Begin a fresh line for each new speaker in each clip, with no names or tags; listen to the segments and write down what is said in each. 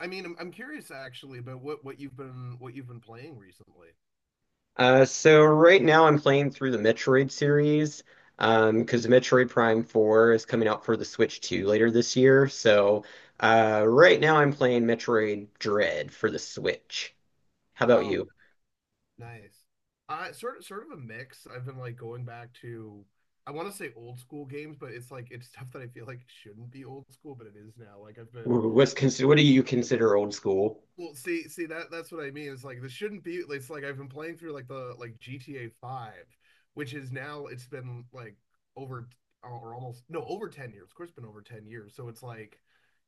I mean, I'm curious actually about what you've been playing recently.
So right now I'm playing through the Metroid series, because Metroid Prime 4 is coming out for the Switch 2 later this year. So, right now I'm playing Metroid Dread for the Switch. How about
Oh,
you?
nice. Sort of a mix. I've been like going back to I want to say old school games, but it's stuff that I feel like shouldn't be old school, but it is now. Like I've been
What do you consider old school?
well, see that's what I mean. It's like this shouldn't be. It's like I've been playing through like GTA Five, which is now it's been like over or almost no over 10 years. Of course, it's been over 10 years. So it's like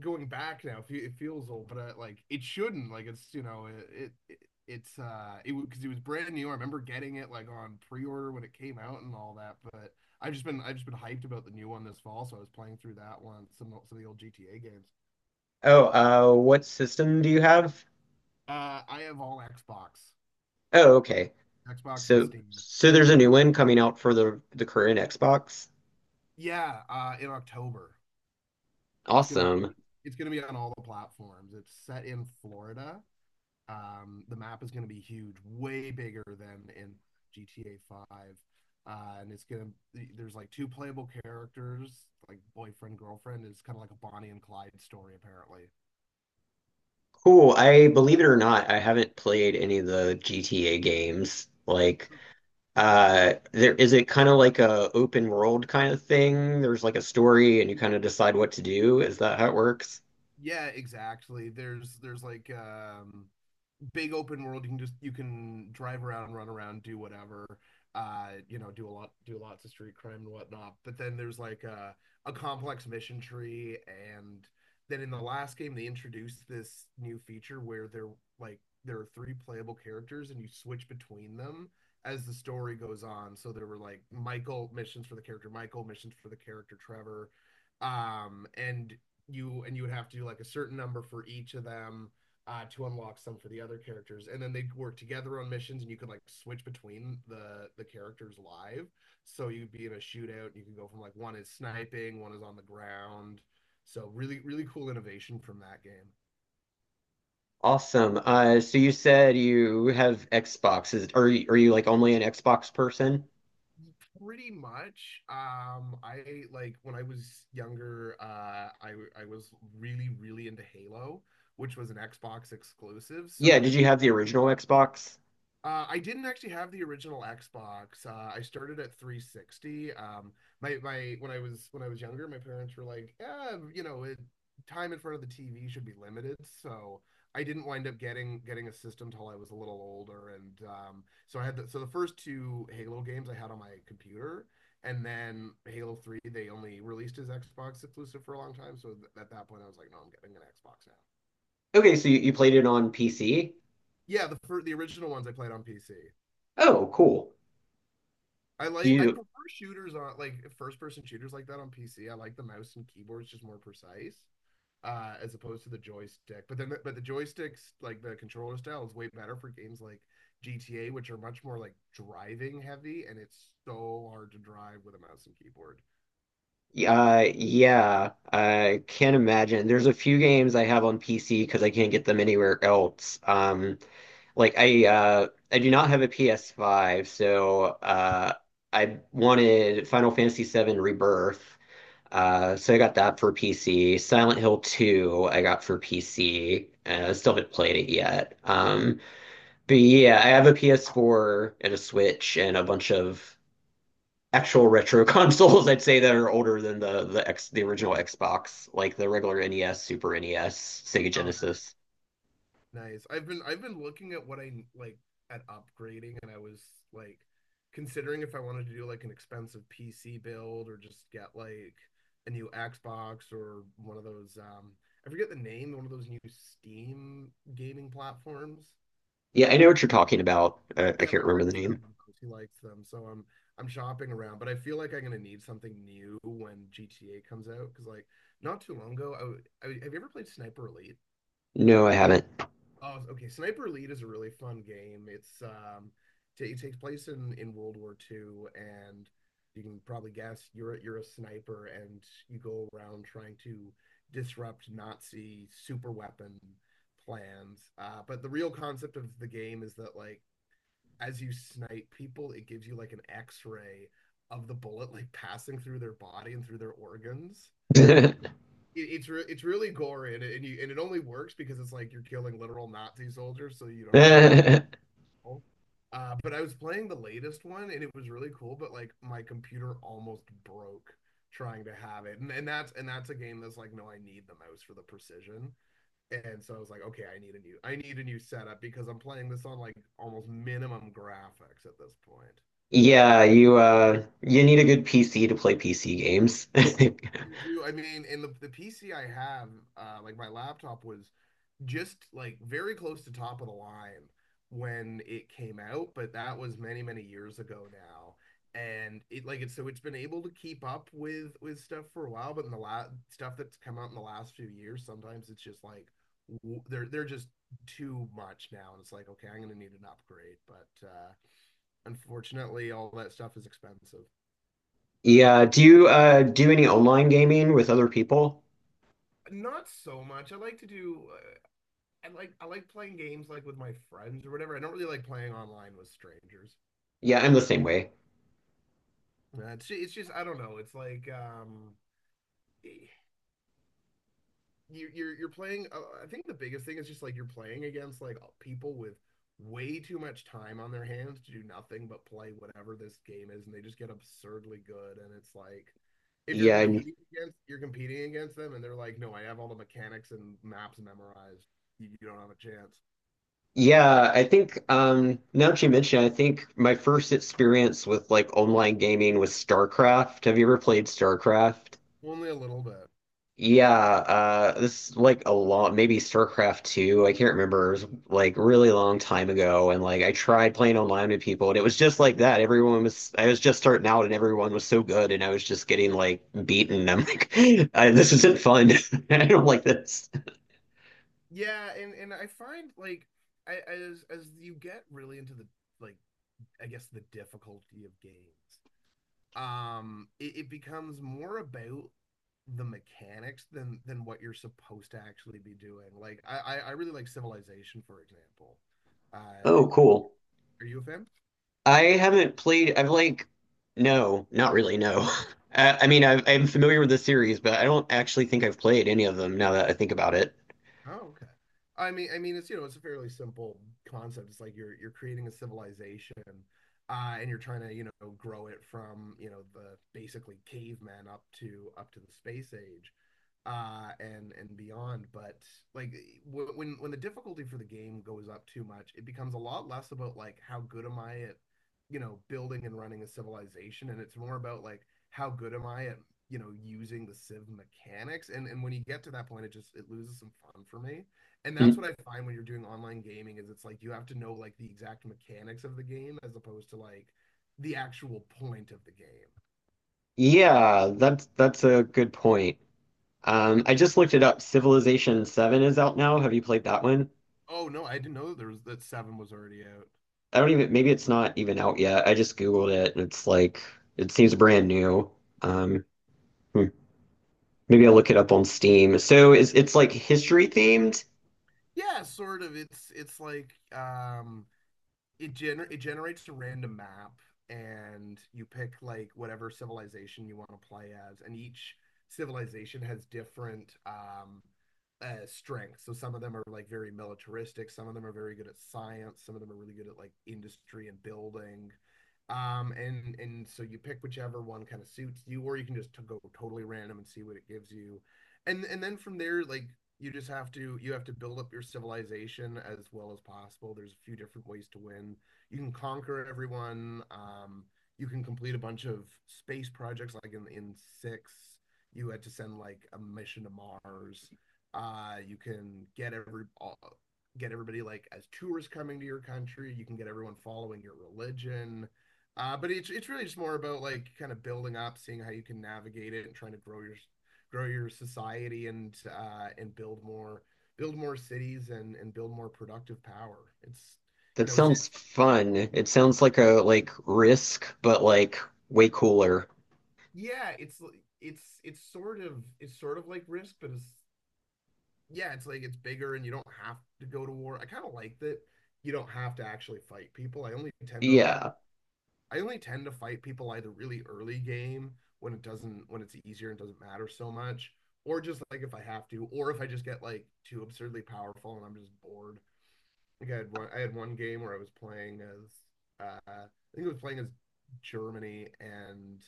going back now, it feels old, but like it shouldn't. Like it's you know it, it it's it because it was brand new. I remember getting it like on pre-order when it came out and all that. But I've just been hyped about the new one this fall, so I was playing through that one some of the old GTA games.
Oh, what system do you have?
I have all Xbox,
Oh, okay.
Xbox and
So,
Steam.
so there's a new one coming out for the current Xbox.
Yeah, in October it's gonna
Awesome.
be it's gonna be on all the platforms. It's set in Florida. The map is going to be huge, way bigger than in GTA 5. And it's gonna There's like two playable characters, like boyfriend girlfriend. It's kind of like a Bonnie and Clyde story, apparently.
Cool. I believe it or not, I haven't played any of the GTA games. Like, uh, there is it kind of like a open world kind of thing? There's like a story and you kind of decide what to do. Is that how it works?
Yeah, exactly. There's like big open world. You can drive around, run around, do whatever. Do a lot, do lots of street crime and whatnot. But then there's like a complex mission tree, and then in the last game they introduced this new feature where they're like there are three playable characters, and you switch between them as the story goes on. So there were like Michael missions for the character Michael, missions for the character Trevor, and you would have to do like a certain number for each of them to unlock some for the other characters, and then they'd work together on missions, and you could like switch between the characters live. So you'd be in a shootout, and you could go from like one is sniping, one is on the ground. So really cool innovation from that game.
Awesome. So you said you have Xboxes. Are you like only an Xbox person?
Pretty much. I like when I was younger, I was really into Halo, which was an Xbox exclusive. So
Yeah,
when
did
it
you have the original Xbox?
I didn't actually have the original Xbox. I started at 360. My when I was younger, my parents were like, "Yeah, you know, it, time in front of the TV should be limited." So I didn't wind up getting a system till I was a little older, and so I had the first two Halo games I had on my computer, and then Halo 3 they only released as Xbox exclusive for a long time. So th at that point, I was like, "No, I'm getting an Xbox now."
Okay, so you played it on PC?
Yeah, the original ones I played on PC.
Oh, cool. Do
I
you,
prefer shooters on like first person shooters like that on PC. I like the mouse and keyboard's just more precise as opposed to the joystick. But the joysticks like the controller style is way better for games like GTA which are much more like driving heavy and it's so hard to drive with a mouse and keyboard.
uh, yeah, I can't imagine. There's a few games I have on PC because I can't get them anywhere else. Like I, uh, I do not have a PS5, so, uh, I wanted Final Fantasy VII Rebirth. Uh, so I got that for PC. Silent Hill 2 I got for PC, and I still haven't played it yet. Um, but yeah, I have a PS4 and a Switch and a bunch of actual retro consoles I'd say that are older than the original Xbox, like the regular NES, Super NES, Sega
Oh,
Genesis.
nice. I've been looking at what I like at upgrading and I was like considering if I wanted to do like an expensive PC build or just get like a new Xbox or one of those I forget the name, one of those new Steam gaming platforms.
Yeah, I know
Um
what you're talking about. I
yeah,
can't
my
remember
friend
the
just got
name.
one of those. He likes them, so I'm shopping around, but I feel like I'm gonna need something new when GTA comes out because like not too long ago, I have you ever played Sniper Elite?
No, I haven't.
Oh, okay. Sniper Elite is a really fun game. It's ta it takes place in World War Two, and you can probably guess you're a sniper, and you go around trying to disrupt Nazi super weapon plans. But the real concept of the game is that like as you snipe people, it gives you like an X-ray of the bullet like passing through their body and through their organs. It's really gory and it only works because it's like you're killing literal Nazi soldiers, so you don't have to feel.
Yeah,
Old. But I was playing the latest one and it was really cool, but like my computer almost broke trying to have it, and that's a game that's like no, I need the mouse for the precision, and so I was like, okay, I need a new setup because I'm playing this on like almost minimum graphics at this point.
you, uh, you need a good PC to play PC games.
You do, I mean, and the PC I have, like my laptop was just like very close to top of the line when it came out, but that was many, many years ago now. And it like it's so it's been able to keep up with stuff for a while, but in the last stuff that's come out in the last few years, sometimes it's just like they're just too much now, and it's like okay, I'm gonna need an upgrade. But unfortunately, all that stuff is expensive.
Yeah, do you, uh, do any online gaming with other people?
Not so much. I like to do. I like playing games like with my friends or whatever. I don't really like playing online with strangers.
Yeah, I'm the same way.
It's just I don't know. It's like you're playing I think the biggest thing is just like you're playing against like people with way too much time on their hands to do nothing but play whatever this game is and they just get absurdly good and it's like if
Yeah, I'm,
you're competing against them and they're like, "No, I have all the mechanics and maps memorized. You don't have a chance."
yeah, I think, um, now that you mention, it, I think my first experience with like online gaming was StarCraft. Have you ever played StarCraft?
Only a little bit.
Yeah, this is like a lot, maybe StarCraft 2. I can't remember. It was like really long time ago, and like I tried playing online with people, and it was just like that. Everyone was, I was just starting out, and everyone was so good, and I was just getting like beaten. I'm like, I, this isn't fun. I don't like this.
Yeah, and I find like as you get really into the like I guess the difficulty of games. It becomes more about the mechanics than what you're supposed to actually be doing. Like really like Civilization for example. Uh,
Oh, cool.
are you a fan?
I haven't played. I've like, no, not really. No, I mean, I'm familiar with the series, but I don't actually think I've played any of them now that I think about it.
Oh, okay. I mean, it's you know, it's a fairly simple concept. It's like you're creating a civilization, and you're trying to you know grow it from you know the basically caveman up to the space age, and beyond. But like when the difficulty for the game goes up too much, it becomes a lot less about like how good am I at you know building and running a civilization, and it's more about like how good am I at you know using the civ mechanics and when you get to that point it just it loses some fun for me and that's
Mm.
what I find when you're doing online gaming is it's like you have to know like the exact mechanics of the game as opposed to like the actual point of the game.
Yeah, that's a good point. I just looked it up. Civilization 7 is out now. Have you played that one?
Oh no, I didn't know there was that seven was already out.
I don't even, maybe it's not even out yet. I just Googled it and it's like, it seems brand new. Um, hmm, maybe I'll look it up on Steam. So is it's like history themed?
Yeah, sort of. It's like it generates a random map and you pick like whatever civilization you want to play as and each civilization has different strengths. So some of them are like very militaristic, some of them are very good at science, some of them are really good at like industry and building. And so you pick whichever one kind of suits you, or you can just to go totally random and see what it gives you. And then from there, like you just have to you have to build up your civilization as well as possible. There's a few different ways to win. You can conquer everyone. You can complete a bunch of space projects, like in six, you had to send like a mission to Mars. You can get everybody like as tourists coming to your country. You can get everyone following your religion. But it's really just more about like kind of building up, seeing how you can navigate it, and trying to grow your society and and build more cities and build more productive power. It's you
That
know it's just
sounds fun. It sounds like a like Risk, but like way cooler.
yeah it's it's sort of like Risk, but it's yeah it's like it's bigger and you don't have to go to war. I kind of like that you don't have to actually fight people.
Yeah.
I only tend to fight people either really early game when it doesn't when it's easier and doesn't matter so much. Or just like if I have to, or if I just get like too absurdly powerful and I'm just bored. I think I had one. I had one game where I was playing as I think I was playing as Germany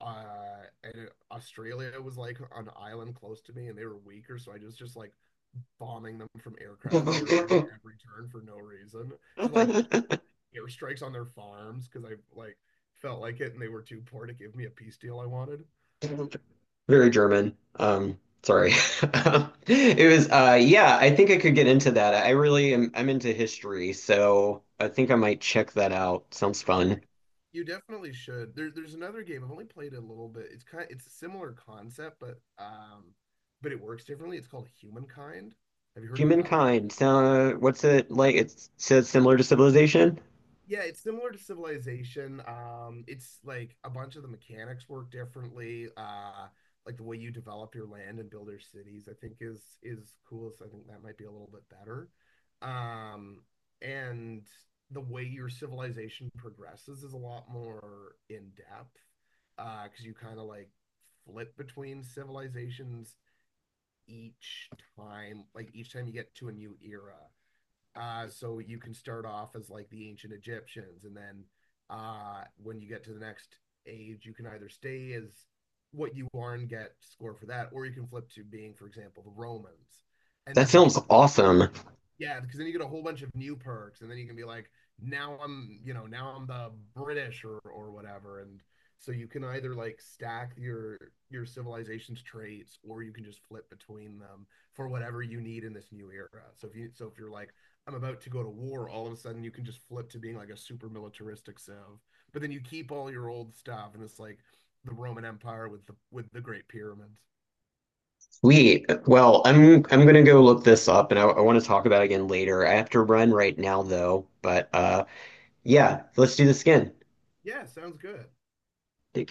and Australia was like an island close to me, and they were weaker, so I just like bombing them from aircraft carriers every turn for no reason. Just like airstrikes on their farms because I like felt like it, and they were too poor to give me a peace deal I wanted.
Very German. Sorry. It was, uh, yeah, I think I could get into that. I really am I'm into history, so I think I might check that out. Sounds
You
fun.
d- you definitely should. There's another game. I've only played it a little bit. It's a similar concept, but it works differently. It's called Humankind. Have you heard of that one?
Humankind. Sound, what's it like? It says similar to civilization?
Yeah, it's similar to Civilization. It's like a bunch of the mechanics work differently. Like the way you develop your land and build your cities, I think is cool. So I think that might be a little bit better. Um, and the way your civilization progresses is a lot more in depth, because you kind of like flip between civilizations each time, like each time you get to a new era. So you can start off as like the ancient Egyptians, and then when you get to the next age, you can either stay as what you are and get score for that, or you can flip to being, for example, the Romans, and
That
then you
sounds awesome.
yeah, because then you get a whole bunch of new perks, and then you can be like, now I'm, you know, now I'm the British or whatever, and so you can either like stack your civilization's traits, or you can just flip between them for whatever you need in this new era. So if you so if you're like, I'm about to go to war, all of a sudden you can just flip to being like a super militaristic civ, but then you keep all your old stuff, and it's like the Roman Empire with the Great Pyramids.
Sweet. Well, I'm gonna go look this up, and I want to talk about it again later. I have to run right now though, but, uh, yeah, let's do the skin.
Yeah, sounds good.
Take